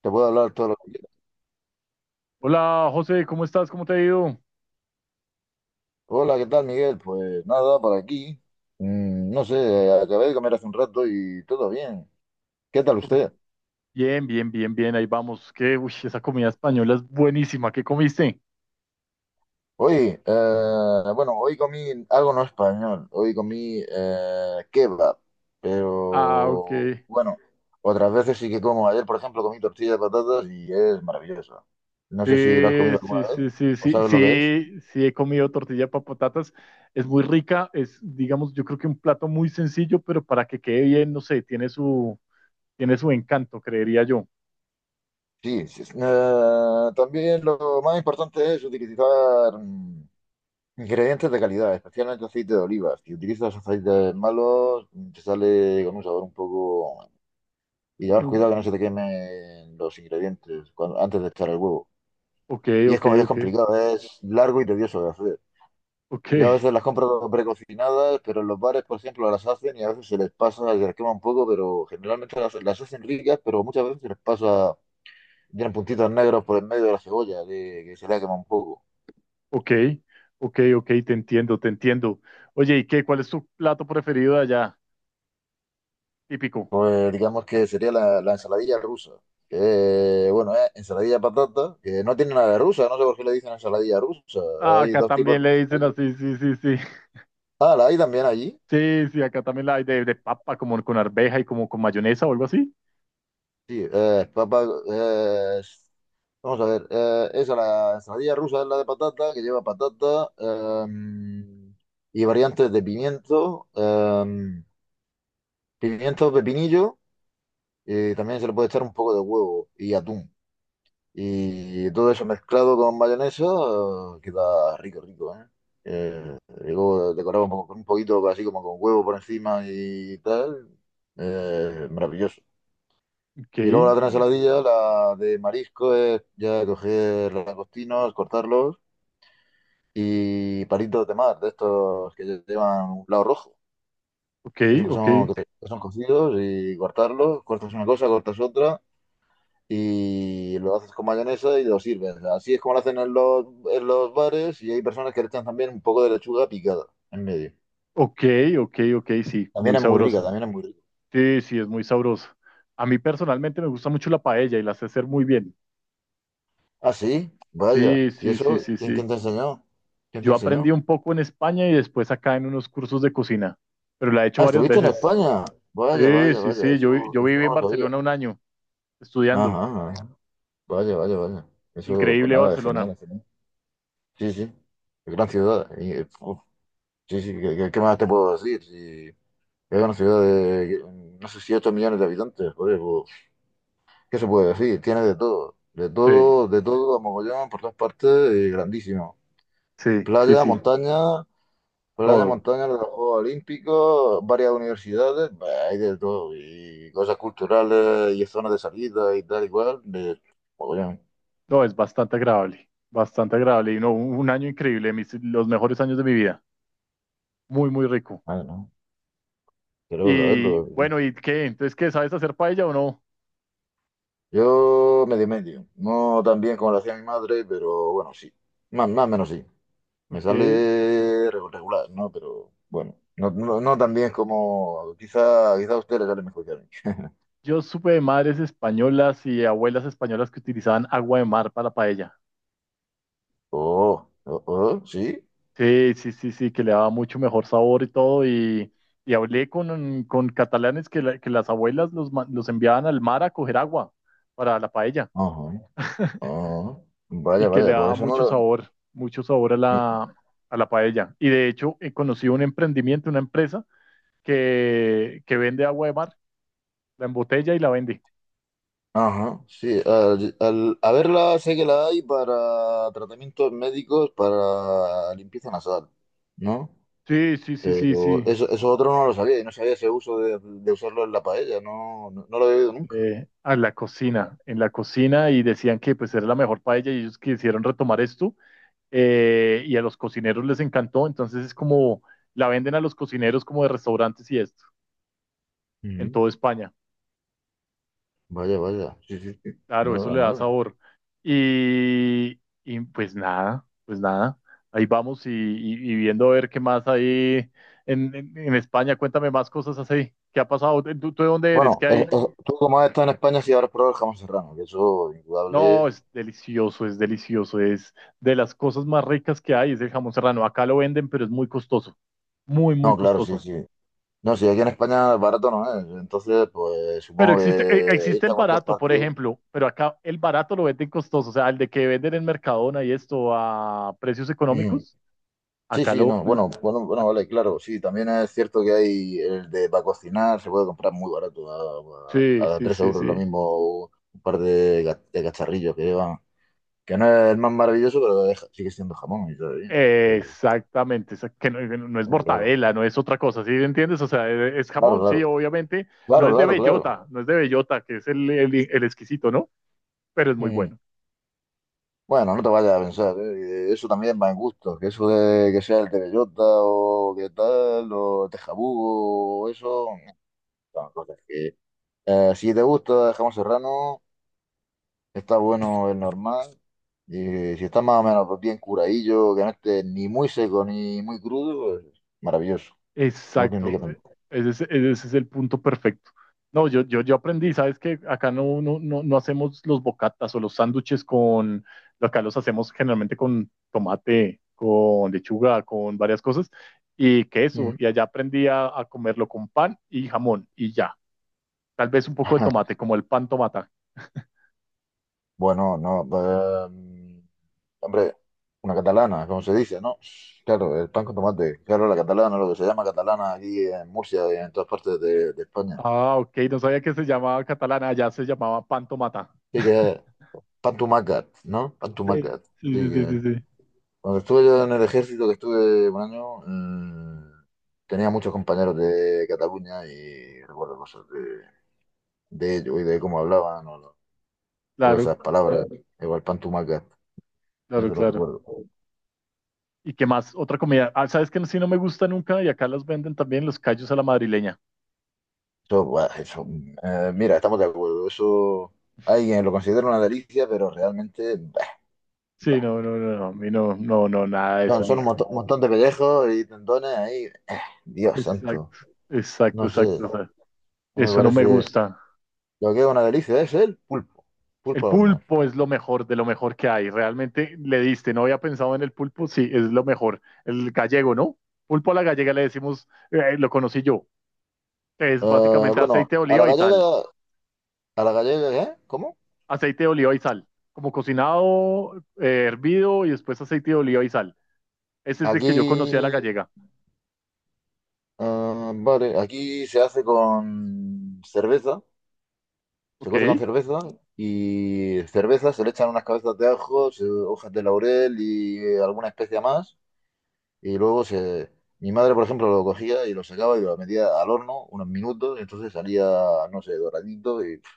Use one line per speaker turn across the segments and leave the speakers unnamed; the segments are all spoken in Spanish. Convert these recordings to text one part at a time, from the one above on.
Te puedo hablar todo lo que quieras.
Hola José, ¿cómo estás? ¿Cómo te ha ido?
Hola, ¿qué tal, Miguel? Pues nada, por aquí. No sé, acabé de comer hace un rato y todo bien. ¿Qué tal usted?
Bien, bien, bien, bien, ahí vamos. Que, uy, esa comida española es buenísima. ¿Qué comiste?
Hoy, bueno, hoy comí algo no español. Hoy comí kebab.
Ah, ok.
Pero bueno, otras veces sí que como. Ayer, por ejemplo, comí tortilla de patatas y es maravilloso. No sé si lo has
Sí,
comido alguna
sí,
vez
sí, sí,
o
sí,
sabes lo que es.
sí, sí, he comido tortilla para patatas. Es muy rica, es, digamos, yo creo que un plato muy sencillo, pero para que quede bien, no sé, tiene su encanto, creería yo.
Sí, sí, sí. También lo más importante es utilizar, ingredientes de calidad, especialmente aceite de oliva. Si utilizas aceites malos, te sale con un sabor un poco. Y llevar cuidado que no se
Mm.
te quemen los ingredientes antes de echar el huevo.
Ok,
Y es
ok,
como ya es
ok,
complicado, es largo y tedioso de hacer.
ok,
Yo a veces las compro precocinadas, pero en los bares, por ejemplo, las hacen y a veces se les pasa, se les quema un poco, pero generalmente las hacen ricas, pero muchas veces se les pasa, tienen puntitos negros por el medio de la cebolla, de, que se les quema un poco.
ok, ok, ok, te entiendo, te entiendo. Oye, ¿y qué? ¿Cuál es tu plato preferido de allá? Típico.
Pues digamos que sería la ensaladilla rusa. Que, bueno, es ensaladilla de patata, que no tiene nada de rusa, no sé por qué le dicen ensaladilla rusa.
Ah,
Hay
acá
dos tipos
también
de
le dicen
ensaladilla.
así, sí, sí, sí.
Ah, la hay también allí.
Sí, sí, acá también la hay de papa, como con arveja y como con mayonesa o algo así.
Sí, papa, eh, vamos a ver, esa, la ensaladilla rusa es la de patata, que lleva patata, y variantes de pimiento, pimiento, pepinillo, y también se le puede echar un poco de huevo y atún. Y todo eso mezclado con mayonesa queda rico, rico, ¿eh? Eh, luego decorado un poco, con un poquito así como con huevo por encima y tal. Maravilloso.
Ok,
Y luego la otra ensaladilla, la de marisco, es ya coger los langostinos, cortarlos y palitos de mar, de estos que llevan un lado rojo.
ok,
Esos que
ok,
son, que son cocidos, y cortarlos, cortas una cosa, cortas otra y lo haces con mayonesa y lo sirves. Así es como lo hacen en los bares, y hay personas que le echan también un poco de lechuga picada en medio.
ok, ok, ok, sí,
También
muy
es muy rica,
sabrosa.
también es muy rica.
Sí, sí, es muy sabrosa. A mí personalmente me gusta mucho la paella y la sé hacer muy bien.
Ah, sí, vaya.
Sí,
¿Y
sí, sí,
eso?
sí,
¿Quién,
sí.
quién te enseñó? ¿Quién te
Yo aprendí
enseñó?
un poco en España y después acá en unos cursos de cocina, pero la he hecho
Ah,
varias
estuviste en
veces.
España. Vaya,
Sí,
vaya,
sí,
vaya.
sí, yo, vi-
Eso,
yo
eso
viví
no
en
lo sabía.
Barcelona un año estudiando.
Ajá, ajá. Vaya, vaya, vaya. Eso, pues
Increíble
nada, es genial,
Barcelona.
es genial. Sí, sí. Gran ciudad. Y, uf, sí, sí, qué más te puedo decir? Sí, es una ciudad de, no sé, si 8 millones de habitantes, joder, pues, ¿qué se puede decir? Tiene de todo, de
Sí,
todo, de todo, a mogollón, por todas partes, grandísimo.
sí, sí,
Playa,
sí.
montaña, playa,
Todo.
montaña, los Juegos Olímpicos, varias universidades, bah, hay de todo, y cosas culturales, y zonas de salida, y tal, igual, de mogollón.
No, es bastante agradable. Bastante agradable. Y no, un año increíble, los mejores años de mi vida. Muy, muy rico.
Ah, no, quiero
Y
saberlo.
bueno, ¿y qué? Entonces, ¿qué? ¿Sabes hacer paella o no?
Yo medio medio, no tan bien como lo hacía mi madre, pero bueno, sí, más o menos sí. Me
Ok.
sale regular, ¿no? Pero bueno, no, no, no tan bien como quizá, quizá a usted le sale mejor que a mí.
Yo supe de madres españolas y abuelas españolas que utilizaban agua de mar para paella.
Oh, oh, oh, sí.
Sí, sí, sí, sí, que le daba mucho mejor sabor y todo. Y hablé con catalanes que las abuelas los enviaban al mar a coger agua para la paella.
Ajá, ajá. Vaya,
Y que le
vaya, pues
daba
eso no lo.
mucho sabor a
Ni.
la, a la paella. Y de hecho, he conocido un emprendimiento, una empresa que vende agua de mar, la embotella y la vende.
Ajá, sí. A verla sé que la hay para tratamientos médicos, para limpieza nasal, ¿no?
Sí, sí, sí, sí,
Pero
sí.
eso otro no lo sabía, y no sabía ese uso de usarlo en la paella, no, no, no lo he oído nunca.
A la cocina, en la cocina y decían que pues era la mejor paella y ellos quisieron retomar esto, y a los cocineros les encantó, entonces es como la venden a los cocineros como de restaurantes y esto, en
Ujú.
toda España.
Vaya, vaya. Sí, sí, sí.
Claro, eso
Nada,
le da
nada.
sabor. Y pues nada, pues nada. Ahí vamos y viendo a ver qué más hay en España. Cuéntame más cosas así. ¿Qué ha pasado? ¿Tú de dónde eres?
Bueno,
¿Qué hay?
tú, como has estado en España, sí habrás probado el jamón serrano, que eso,
No,
indudable.
es delicioso, es delicioso. Es de las cosas más ricas que hay, es el jamón serrano. Acá lo venden, pero es muy costoso. Muy, muy
No, claro, sí,
costoso.
sí. No, sí, aquí en España barato no es. Entonces, pues
Pero
supongo
existe, eh,
que
existe
irte a
el
cualquier
barato, por
parte.
ejemplo, pero acá el barato lo venden costoso. O sea, el de que venden en Mercadona y esto a precios
Ujú.
económicos.
Sí,
Acá
sí,
lo,
no. Bueno, bueno, bueno,
Ah,
vale, claro. Sí, también es cierto que hay el de para cocinar, se puede comprar muy barato,
sí, sí,
3
sí,
euros lo
sí.
mismo, un par de cacharrillos que llevan. Que no es el más maravilloso, pero sigue siendo jamón, y todo bien. Eh,
Exactamente, que no, no no es
bueno, claro,
mortadela, no es otra cosa, ¿sí entiendes? O sea, es
claro,
jamón, sí,
claro,
obviamente, no
claro,
es de
claro,
bellota,
claro.
no es de bellota, que es el exquisito, ¿no? Pero es muy
Ujú.
bueno.
Bueno, no te vayas a pensar, ¿eh? Eso también va en gusto, que eso de que sea el Tereyota o qué tal, o Tejabugo, o eso, son cosas que. Si te gusta jamón serrano, está bueno, es normal, y si está más o menos bien curadillo, que no esté ni muy seco ni muy crudo, pues maravilloso,
Exacto,
auténticamente.
ese es el punto perfecto. No, yo aprendí, sabes que acá no, no, no, no hacemos los bocatas o los sándwiches con, acá los hacemos generalmente con tomate, con lechuga, con varias cosas y queso.
Ujú.
Y allá aprendí a comerlo con pan y jamón y ya. Tal vez un poco de tomate, como el pan tomata.
Bueno, no, pues, hombre, una catalana, como se dice, ¿no? Claro, el pan con tomate. Claro, la catalana, lo que se llama catalana aquí en Murcia y en todas partes de España.
Ah, ok, no sabía que se llamaba catalana, allá se llamaba pan tomata.
Sí que es pan tumacat, ¿no? Pan
Sí,
tumacat.
sí,
Sí
sí, sí,
que.
sí, sí.
Cuando estuve yo en el ejército, que estuve un año, tenía muchos compañeros de Cataluña y recuerdo cosas de ellos y de cómo hablaban, o
Claro,
esas palabras. Igual pan tumacat,
claro,
eso lo
claro.
recuerdo.
¿Y qué más? Otra comida. Ah, ¿sabes que sí no me gusta nunca? Y acá las venden también los callos a la madrileña.
Eso, buah, eso, mira, estamos de acuerdo. Eso alguien lo considera una delicia, pero realmente bah,
Sí, no, no, no, no. A mí no, no, no, nada de eso,
son,
ni.
son un un montón de pellejos y tendones ahí. Dios santo,
Exacto, exacto,
no sé,
exacto. O sea,
no me
eso no me
parece.
gusta.
Lo que es una delicia es el pulpo,
El
pulpo al horno.
pulpo es lo mejor de lo mejor que hay. Realmente le diste, no había pensado en el pulpo, sí, es lo mejor. El gallego, ¿no? Pulpo a la gallega le decimos, lo conocí yo. Es básicamente
Bueno,
aceite de oliva y sal.
a la gallega, ¿eh? ¿Cómo?
Aceite de oliva y sal. Como cocinado, hervido y después aceite de oliva y sal. Ese es el
Aquí,
que yo conocí a la gallega.
vale, aquí se hace con cerveza, se
Ok.
cose con cerveza, y cerveza, se le echan unas cabezas de ajo, hojas de laurel y alguna especia más. Y luego se. Mi madre, por ejemplo, lo cogía y lo sacaba y lo metía al horno unos minutos y entonces salía, no sé, doradito y pf,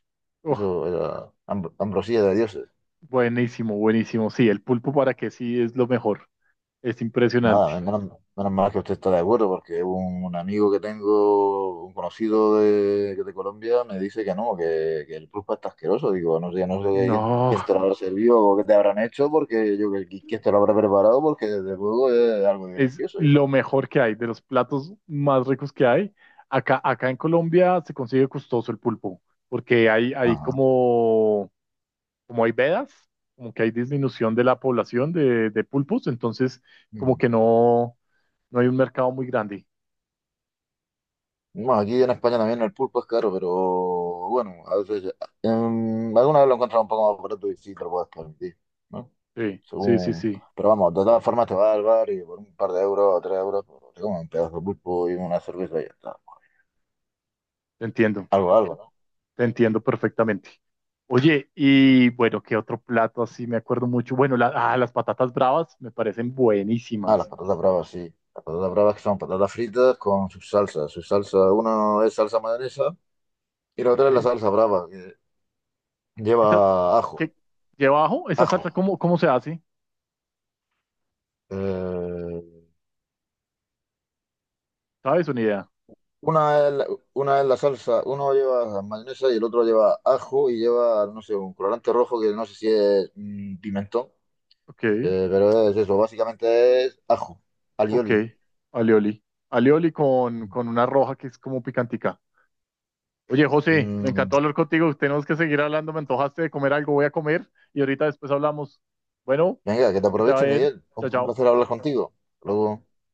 Oh,
eso era ambrosía de Dios.
buenísimo, buenísimo. Sí, el pulpo para que sí es lo mejor. Es impresionante.
Nada, menos mal que usted está de acuerdo, porque un amigo que tengo, un conocido de Colombia, me dice que no, que el pulpo está asqueroso. Digo, no sé, no sé quién,
No,
quién te lo habrá servido o qué te habrán hecho, porque yo, quién te lo habrá preparado, porque desde luego es algo
es
delicioso. ¿Eh?
lo mejor que hay, de los platos más ricos que hay. Acá en Colombia se consigue costoso el pulpo, porque hay
Ajá.
como, hay vedas, como que hay disminución de la población de pulpos, entonces como
Ujú.
que no hay un mercado muy grande.
Bueno, aquí en España también el pulpo es caro, pero bueno, a veces, alguna vez lo he encontrado un poco más barato y sí te lo puedes permitir, ¿no?
Sí, sí, sí,
Según.
sí,
Pero vamos, de todas formas te vas al bar y por un par de euros o 3 euros pues, te comes un pedazo de pulpo y una cerveza y ya está.
te entiendo.
Algo, algo, ¿no?
Te entiendo perfectamente. Oye, y bueno, ¿qué otro plato así? Me acuerdo mucho. Bueno, las patatas bravas me parecen
Ah, las
buenísimas.
patatas bravas, sí. Las patatas bravas que son patatas fritas con sus salsas. Su salsa, una es salsa mayonesa y la otra es la
Sí.
salsa brava, que
Esa,
lleva ajo.
¿qué lleva abajo? ¿Esa salsa
Ajo.
cómo se hace?
Eh,
¿Sabes? Una idea.
una es, la- una es la salsa, uno lleva mayonesa y el otro lleva ajo y lleva, no sé, un colorante rojo que no sé si es pimentón.
Ok,
Pero es eso, básicamente es ajo, alioli.
ok. Alioli. Alioli con una roja que es como picantica. Oye, José, me
Mm,
encantó hablar contigo. Tenemos que seguir hablando. Me antojaste de comer algo. Voy a comer y ahorita después hablamos. Bueno,
venga, que te
que te
aproveche,
vaya bien.
Miguel.
Chao,
Un
chao.
placer hablar contigo. Hasta
Chao.
luego.